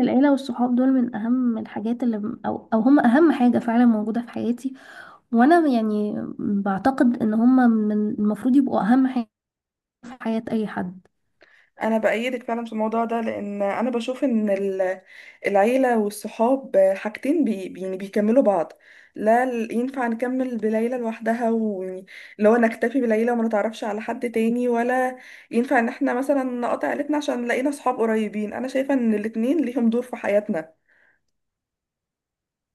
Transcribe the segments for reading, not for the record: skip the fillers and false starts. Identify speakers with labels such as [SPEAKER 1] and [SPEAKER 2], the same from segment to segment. [SPEAKER 1] العيلة والصحاب دول من أهم الحاجات اللي أو هم أهم حاجة فعلا موجودة في حياتي، وأنا يعني بعتقد إن هم من المفروض يبقوا أهم حاجة في حياة أي حد.
[SPEAKER 2] انا بأيدك فعلا في الموضوع ده لان انا بشوف ان العيله والصحاب حاجتين يعني بيكملوا بعض. لا، ينفع نكمل بليلى لوحدها، ويعني اللي هو نكتفي بليلى وما نتعرفش على حد تاني، ولا ينفع ان احنا مثلا نقطع عيلتنا عشان لقينا صحاب قريبين. انا شايفه ان الاتنين ليهم دور في حياتنا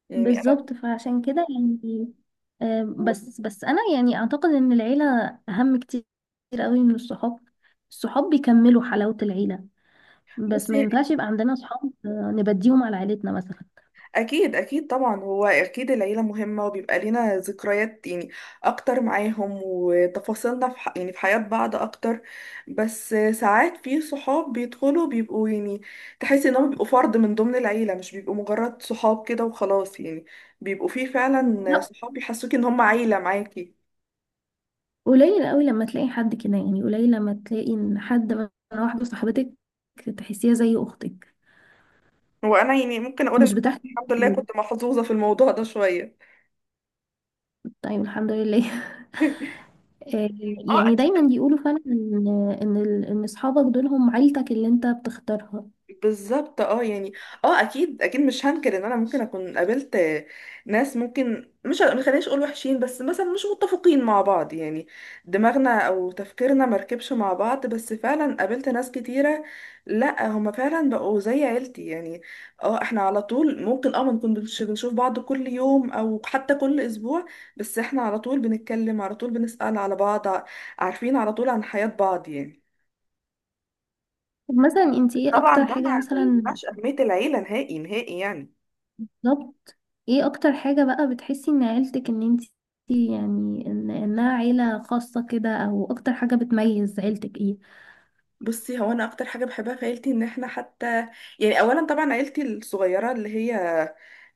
[SPEAKER 2] يعني انا.
[SPEAKER 1] بالظبط، فعشان كده يعني بس أنا يعني أعتقد إن العيلة أهم كتير قوي من الصحاب. الصحاب بيكملوا حلاوة العيلة، بس ما
[SPEAKER 2] بصي،
[SPEAKER 1] ينفعش يبقى عندنا صحاب نبديهم على عيلتنا مثلا.
[SPEAKER 2] اكيد اكيد طبعا، هو اكيد العيله مهمه، وبيبقى لينا ذكريات يعني اكتر معاهم، وتفاصيلنا في يعني في حياه بعض اكتر. بس ساعات في صحاب بيدخلوا بيبقوا يعني، تحس انهم بيبقوا فرد من ضمن العيله، مش بيبقوا مجرد صحاب كده وخلاص يعني، بيبقوا في فعلا
[SPEAKER 1] لا،
[SPEAKER 2] صحاب بيحسوك ان هم عيله معاكي.
[SPEAKER 1] قليل قوي لما تلاقي حد كده، يعني قليل لما تلاقي ان حد مثلا واحده صاحبتك تحسيها زي اختك.
[SPEAKER 2] وانا يعني ممكن اقول ان
[SPEAKER 1] مش
[SPEAKER 2] أنا
[SPEAKER 1] بتحكي
[SPEAKER 2] الحمد لله
[SPEAKER 1] كتير.
[SPEAKER 2] كنت محظوظه في الموضوع ده شويه.
[SPEAKER 1] طيب الحمد لله آه،
[SPEAKER 2] اه.
[SPEAKER 1] يعني دايما بيقولوا فعلا ان ان اصحابك دول هم عيلتك اللي انت بتختارها.
[SPEAKER 2] بالظبط. اه يعني اه اكيد اكيد مش هنكر ان انا ممكن اكون قابلت ناس، ممكن مش ما خلينيش اقول وحشين، بس مثلا مش متفقين مع بعض يعني دماغنا او تفكيرنا مركبش مع بعض. بس فعلا قابلت ناس كتيرة، لا، هما فعلا بقوا زي عيلتي يعني. اه احنا على طول ممكن ما نكونش بنشوف بعض كل يوم او حتى كل اسبوع، بس احنا على طول بنتكلم، على طول بنسأل على بعض، عارفين على طول عن حياة بعض يعني.
[SPEAKER 1] طب مثلا انت ايه
[SPEAKER 2] طبعا
[SPEAKER 1] اكتر
[SPEAKER 2] ده ما
[SPEAKER 1] حاجه
[SPEAKER 2] ما
[SPEAKER 1] مثلا؟
[SPEAKER 2] يمنعش أهمية العيلة نهائي نهائي يعني.
[SPEAKER 1] بالظبط. ايه اكتر حاجه بقى بتحسي ان عيلتك ان انت يعني ان انها عيله خاصه كده؟ او اكتر حاجه بتميز عيلتك ايه؟
[SPEAKER 2] بصي، هو انا اكتر حاجه بحبها في عيلتي ان احنا حتى يعني، اولا طبعا عيلتي الصغيره اللي هي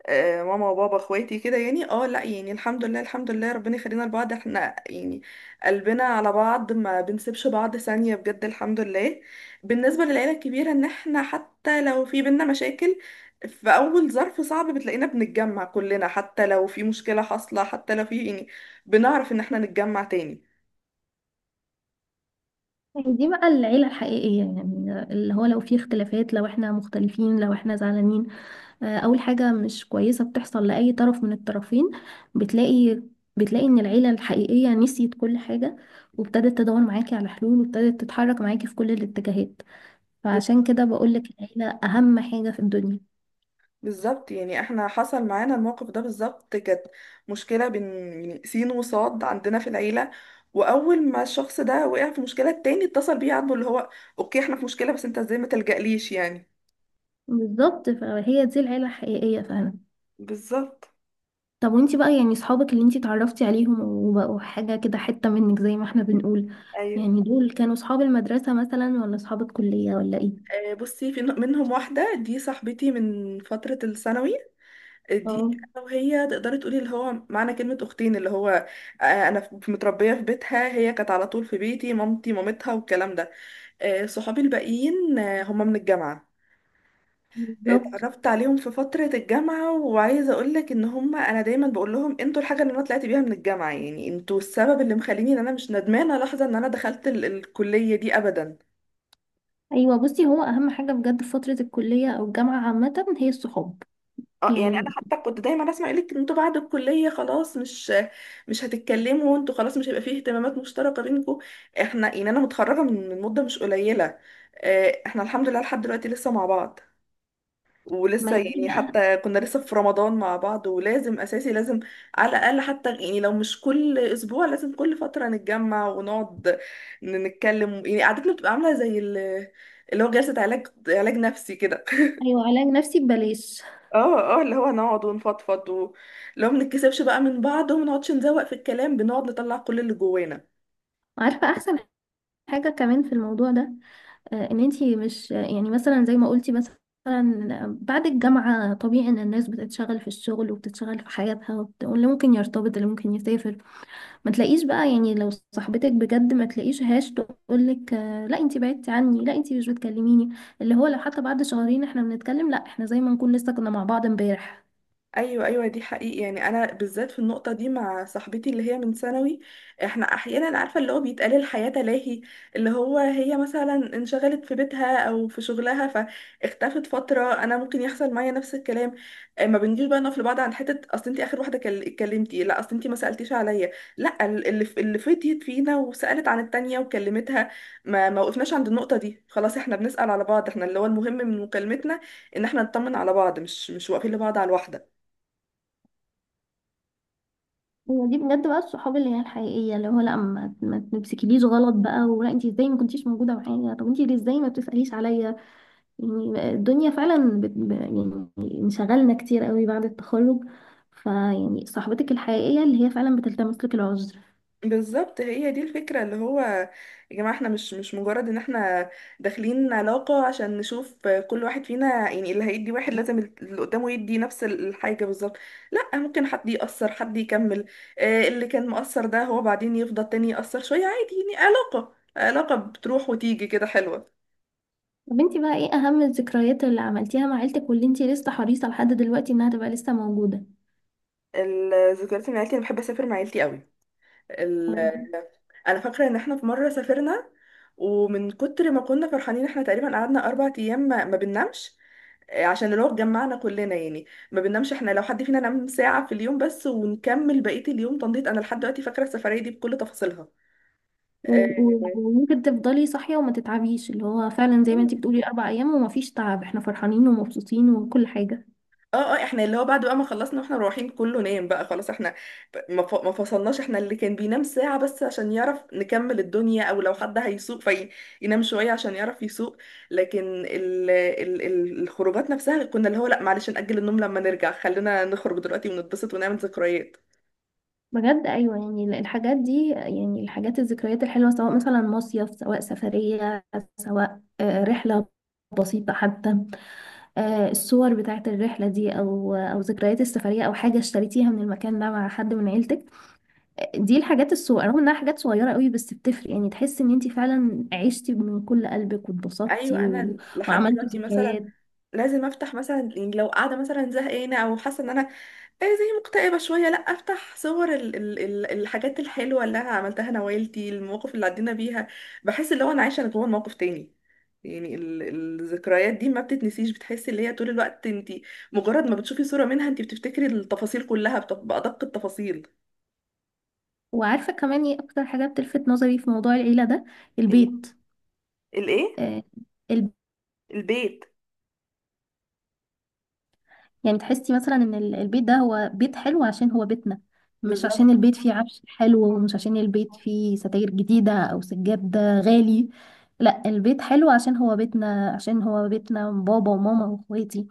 [SPEAKER 2] ماما وبابا اخواتي كده يعني. اه لا، يعني الحمد لله، الحمد لله ربنا يخلينا لبعض، احنا يعني قلبنا على بعض، ما بنسيبش بعض ثانيه بجد، الحمد لله. بالنسبه للعيله الكبيره، ان احنا حتى لو في بينا مشاكل، في اول ظرف صعب بتلاقينا بنتجمع كلنا، حتى لو في مشكله حاصله، حتى لو في يعني، بنعرف ان احنا نتجمع تاني.
[SPEAKER 1] يعني دي بقى العيلة الحقيقية، يعني اللي هو لو في اختلافات، لو احنا مختلفين، لو احنا زعلانين، أول حاجة مش كويسة بتحصل لأي طرف من الطرفين، بتلاقي بتلاقي إن العيلة الحقيقية نسيت كل حاجة وابتدت تدور معاكي على حلول، وابتدت تتحرك معاكي في كل الاتجاهات.
[SPEAKER 2] ب-
[SPEAKER 1] فعشان كده بقولك العيلة أهم حاجة في الدنيا.
[SPEAKER 2] بالظبط يعني، احنا حصل معانا الموقف ده بالظبط، كانت مشكلة بين يعني سين وصاد عندنا في العيلة. وأول ما الشخص ده وقع في مشكلة، التاني اتصل بيه عاتبه اللي هو، أوكي احنا في مشكلة، بس أنت ازاي ما تلجأليش يعني.
[SPEAKER 1] بالظبط، فهي دي العيلة الحقيقية فعلا.
[SPEAKER 2] بالظبط.
[SPEAKER 1] طب وانتي بقى يعني صحابك اللي انتي اتعرفتي عليهم وبقوا حاجة كده حتة منك زي ما احنا بنقول،
[SPEAKER 2] ايوه.
[SPEAKER 1] يعني دول كانوا صحاب المدرسة مثلا، ولا صحاب الكلية، ولا ايه؟
[SPEAKER 2] آه، بصي في منهم واحدة، دي صاحبتي من فترة الثانوي. آه، دي
[SPEAKER 1] اه.
[SPEAKER 2] أنا وهي تقدري تقولي اللي هو معنى كلمة أختين، اللي هو أنا متربية في بيتها، هي كانت على طول في بيتي، مامتي مامتها والكلام ده. آه، صحابي الباقيين هم من الجامعة.
[SPEAKER 1] بالظبط.
[SPEAKER 2] اتعرفت عليهم في فترة الجامعة، وعايزة اقولك ان هم، انا دايما بقول لهم انتوا الحاجة اللي انا طلعت بيها من الجامعة يعني، انتوا السبب اللي مخليني ان انا مش ندمانة لحظة ان انا دخلت الكلية دي ابدا.
[SPEAKER 1] ايوه، بصي هو اهم حاجة بجد في فترة الكلية او الجامعة عامة هي الصحاب.
[SPEAKER 2] اه يعني انا
[SPEAKER 1] يعني
[SPEAKER 2] حتى كنت دايما اسمع يقولك انتوا بعد الكلية خلاص، مش هتتكلموا انتوا، خلاص مش هيبقى فيه اهتمامات مشتركة بينكم. احنا يعني انا متخرجة من مدة مش قليلة، آه، احنا الحمد لله لحد دلوقتي لسه مع بعض.
[SPEAKER 1] ما
[SPEAKER 2] ولسه
[SPEAKER 1] يجي
[SPEAKER 2] يعني
[SPEAKER 1] بقى.
[SPEAKER 2] حتى كنا لسه في رمضان مع بعض، ولازم اساسي، لازم على الاقل، حتى يعني لو مش كل اسبوع، لازم كل فتره نتجمع ونقعد، نتكلم يعني. قعدتنا بتبقى عامله زي اللي هو جلسه علاج نفسي كده.
[SPEAKER 1] ايوه، علاج نفسي ببلاش.
[SPEAKER 2] اه اه، اللي هو نقعد ونفضفض، اللي هو ما بنتكسفش بقى من بعض، وما نقعدش نزوق في الكلام، بنقعد نطلع كل اللي جوانا.
[SPEAKER 1] عارفة احسن حاجة كمان في الموضوع ده؟ ان انتي مش يعني مثلا زي ما قلتي، مثلا بعد الجامعة طبيعي إن الناس بتتشغل في الشغل وبتتشغل في حياتها، واللي ممكن يرتبط، اللي ممكن يسافر، ما تلاقيش بقى، يعني لو صاحبتك بجد ما تلاقيش هاش تقولك لا انتي بعدتي عني، لا انتي مش بتكلميني. اللي هو لو حتى بعد شهرين احنا بنتكلم، لا، احنا زي ما نكون لسه كنا مع بعض امبارح.
[SPEAKER 2] ايوه ايوه، دي حقيقي يعني، انا بالذات في النقطه دي مع صاحبتي اللي هي من ثانوي. احنا احيانا عارفه اللي هو بيتقال الحياه تلاهي، اللي هو هي مثلا انشغلت في بيتها او في شغلها، فاختفت فتره، انا ممكن يحصل معايا نفس الكلام. آه، ما بنجيش بقى نقف لبعض عن حته، اصل انت اخر واحده اتكلمتي، لا اصل انت ما سالتيش عليا. لا، اللي اللي فتيت فينا وسالت عن التانيه وكلمتها. ما وقفناش عند النقطه دي، خلاص احنا بنسال على بعض، احنا اللي هو المهم من مكالمتنا ان احنا نطمن على بعض، مش واقفين لبعض على الواحده.
[SPEAKER 1] هي دي بجد بقى الصحاب اللي هي الحقيقية، اللي هو لا ما تمسكيليش غلط بقى، ولا انتي ازاي ما كنتيش موجودة معايا، طب انتي ليه ازاي ما بتسأليش عليا. يعني الدنيا فعلا يعني انشغلنا كتير قوي بعد التخرج، فيعني صاحبتك الحقيقية اللي هي فعلا بتلتمس لك العذر.
[SPEAKER 2] بالظبط، هي دي الفكرة اللي هو، يا جماعة احنا مش مجرد ان احنا داخلين علاقة عشان نشوف كل واحد فينا يعني اللي هيدي واحد لازم اللي قدامه يدي نفس الحاجة بالظبط. لا، ممكن حد يأثر، حد يكمل، آه، اللي كان مؤثر ده هو بعدين يفضل تاني يأثر شوية عادي يعني. علاقة بتروح وتيجي كده حلوة.
[SPEAKER 1] طب انتي بقى ايه اهم الذكريات اللي عملتيها مع عيلتك واللي انتي لسه حريصة لحد دلوقتي انها تبقى لسه موجودة؟
[SPEAKER 2] الذكريات من عيلتي، انا بحب اسافر مع عيلتي قوي. ال...
[SPEAKER 1] و-
[SPEAKER 2] انا فاكرة ان احنا في مرة سافرنا، ومن كتر ما كنا فرحانين احنا تقريبا قعدنا 4 ايام ما بننامش. عشان الوقت جمعنا كلنا يعني، ما بننامش، احنا لو حد فينا نام ساعة في اليوم بس، ونكمل بقية اليوم تنضيط. انا لحد دلوقتي فاكرة السفرية دي بكل تفاصيلها. اه.
[SPEAKER 1] وممكن تفضلي صاحية وما تتعبيش، اللي هو فعلا زي ما انتي بتقولي اربع ايام وما فيش تعب، احنا فرحانين ومبسوطين وكل حاجة.
[SPEAKER 2] اه. آه، احنا اللي هو بعد بقى ما خلصنا واحنا رايحين كله نام بقى خلاص. احنا ما فصلناش، احنا اللي كان بينام ساعة بس عشان يعرف نكمل الدنيا، او لو حد هيسوق فينام شوية عشان يعرف يسوق. لكن ال ال ال الخروجات نفسها كنا اللي هو، لا معلش نأجل النوم لما نرجع، خلينا نخرج دلوقتي ونتبسط ونعمل ذكريات.
[SPEAKER 1] بجد، ايوه، يعني الحاجات دي، يعني الحاجات الذكريات الحلوة، سواء مثلا مصيف، سواء سفرية، سواء رحلة بسيطة حتى، الصور بتاعت الرحلة دي او ذكريات السفرية، او حاجة اشتريتيها من المكان ده مع حد من عيلتك. دي الحاجات الصغيرة، رغم انها حاجات صغيرة قوي بس بتفرق، يعني تحس ان انتي فعلا عشتي من كل قلبك واتبسطتي
[SPEAKER 2] ايوه، انا لحد
[SPEAKER 1] وعملتي
[SPEAKER 2] دلوقتي مثلا
[SPEAKER 1] ذكريات.
[SPEAKER 2] لازم افتح مثلا يعني لو قاعده مثلا زهقانه او حاسه ان انا إيه، زي مكتئبه شويه، لا افتح صور ال ال ال الحاجات الحلوه اللي انا عملتها انا وعيلتي، المواقف اللي عدينا بيها. بحس اللي هو انا عايشه جوه الموقف تاني يعني. الذكريات دي ما بتتنسيش، بتحسي اللي هي طول الوقت انت مجرد ما بتشوفي صوره منها انت بتفتكري التفاصيل كلها، بادق التفاصيل.
[SPEAKER 1] وعارفة كمان ايه اكتر حاجة بتلفت نظري في موضوع العيلة ده؟
[SPEAKER 2] إيه؟
[SPEAKER 1] البيت.
[SPEAKER 2] الايه.
[SPEAKER 1] آه الب...
[SPEAKER 2] البيت.
[SPEAKER 1] يعني تحسي مثلا ان البيت ده هو بيت حلو عشان هو بيتنا، مش عشان
[SPEAKER 2] بالظبط.
[SPEAKER 1] البيت فيه عفش حلو، ومش عشان البيت فيه ستاير جديدة او سجاد غالي. لا، البيت حلو عشان هو بيتنا، عشان هو بيتنا بابا وماما واخواتي،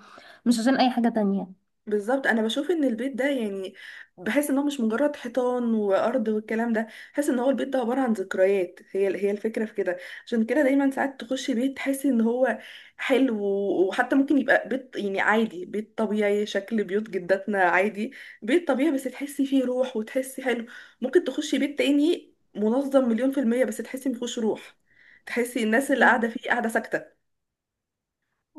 [SPEAKER 1] مش عشان اي حاجة تانية.
[SPEAKER 2] بالظبط، انا بشوف ان البيت ده يعني، بحس ان هو مش مجرد حيطان وارض والكلام ده. بحس ان هو البيت ده عباره عن ذكريات، هي هي الفكره في كده. عشان كده دايما ساعات تخش بيت تحس ان هو حلو. وحتى ممكن يبقى بيت يعني عادي، بيت طبيعي، شكل بيوت جداتنا عادي، بيت طبيعي، بس تحسي فيه روح وتحسي حلو. ممكن تخشي بيت تاني منظم مليون في المية، بس تحسي مفيهوش روح، تحسي الناس اللي
[SPEAKER 1] بالظبط.
[SPEAKER 2] قاعده فيه قاعده ساكته.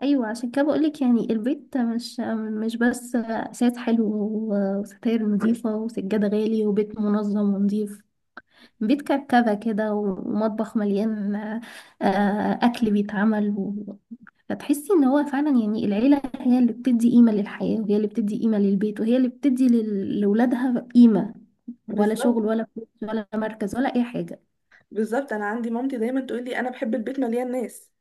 [SPEAKER 1] ايوه، عشان كده بقولك يعني البيت مش مش بس اساس حلو وستاير نظيفه وسجاده غالي وبيت منظم ونظيف، بيت كركبه كده ومطبخ مليان اكل بيتعمل فتحسي ان هو فعلا، يعني العيله هي اللي بتدي قيمه للحياه، وهي اللي بتدي قيمه للبيت، وهي اللي بتدي لاولادها قيمه، ولا
[SPEAKER 2] بالظبط.
[SPEAKER 1] شغل، ولا فلوس، ولا مركز، ولا اي حاجه.
[SPEAKER 2] بالظبط، انا عندي مامتي دايما تقول لي، انا بحب البيت مليان ناس،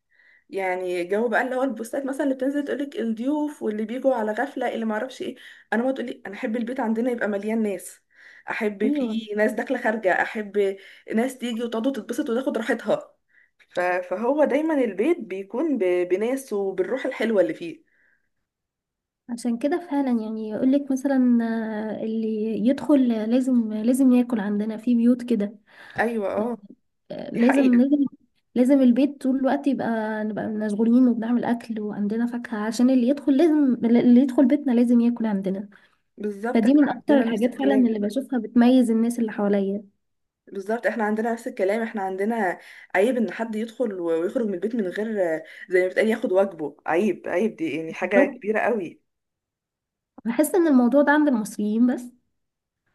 [SPEAKER 2] يعني جو بقى اللي هو البوستات مثلا اللي بتنزل تقولك الضيوف واللي بيجوا على غفلة اللي معرفش ايه، انا ما تقولي انا احب البيت عندنا يبقى مليان ناس. احب
[SPEAKER 1] ايوه،
[SPEAKER 2] فيه ناس داخلة خارجة، احب ناس تيجي وتقعد وتتبسط وتاخد راحتها. فهو دايما البيت بيكون بناس وبالروح الحلوة اللي فيه.
[SPEAKER 1] عشان كده فعلا يعني يقولك مثلا، اللي يدخل لازم لازم ياكل عندنا في بيوت كده.
[SPEAKER 2] ايوه اه.
[SPEAKER 1] آه،
[SPEAKER 2] دي
[SPEAKER 1] لازم
[SPEAKER 2] حقيقة.
[SPEAKER 1] لازم، لازم البيت طول الوقت يبقى نبقى مشغولين وبنعمل أكل وعندنا فاكهة، عشان اللي يدخل لازم، اللي يدخل بيتنا لازم ياكل عندنا.
[SPEAKER 2] بالظبط
[SPEAKER 1] فدي
[SPEAKER 2] احنا
[SPEAKER 1] من أكتر
[SPEAKER 2] عندنا نفس
[SPEAKER 1] الحاجات فعلا
[SPEAKER 2] الكلام.
[SPEAKER 1] اللي بشوفها بتميز الناس اللي حواليا.
[SPEAKER 2] بالظبط احنا عندنا نفس الكلام، احنا عندنا عيب ان حد يدخل ويخرج من البيت من غير، زي ما بتقال ياخد واجبه، عيب. عيب، دي يعني حاجة
[SPEAKER 1] بالظبط.
[SPEAKER 2] كبيرة قوي.
[SPEAKER 1] بحس إن الموضوع ده عند المصريين بس.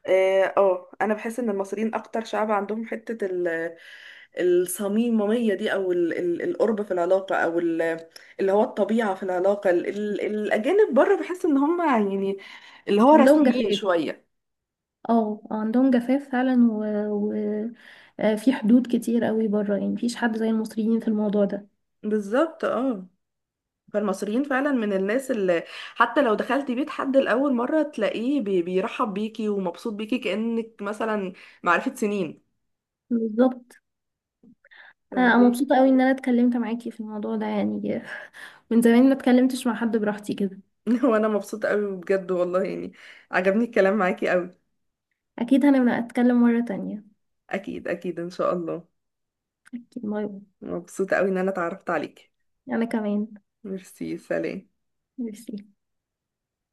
[SPEAKER 2] اه. آه، انا بحس ان المصريين اكتر شعب عندهم حته الصميميه دي، او القرب في العلاقه، او اللي هو الطبيعه في العلاقه. الاجانب بره بحس ان هم يعني اللي هو
[SPEAKER 1] عندهم
[SPEAKER 2] رسميين
[SPEAKER 1] جفاف.
[SPEAKER 2] شويه.
[SPEAKER 1] اه، عندهم جفاف فعلا و... في حدود كتير قوي بره، يعني مفيش حد زي المصريين في الموضوع ده.
[SPEAKER 2] بالظبط اه. فالمصريين فعلا من الناس اللي حتى لو دخلتي بيت حد لاول مره، تلاقيه بيرحب بيكي ومبسوط بيكي كانك مثلا معرفه سنين.
[SPEAKER 1] بالظبط. انا
[SPEAKER 2] فدي.
[SPEAKER 1] مبسوطه قوي ان انا اتكلمت معاكي في الموضوع ده يعني من زمان ما اتكلمتش مع حد براحتي كده.
[SPEAKER 2] وانا مبسوطه قوي بجد والله، يعني عجبني الكلام معاكي قوي.
[SPEAKER 1] اكيد هنبقى اتكلم مره تانية.
[SPEAKER 2] اكيد اكيد ان شاء الله.
[SPEAKER 1] اكيد مرة.
[SPEAKER 2] مبسوطة قوي ان انا اتعرفت عليكي.
[SPEAKER 1] انا كمان.
[SPEAKER 2] ميرسي. سلام.
[SPEAKER 1] ميرسي.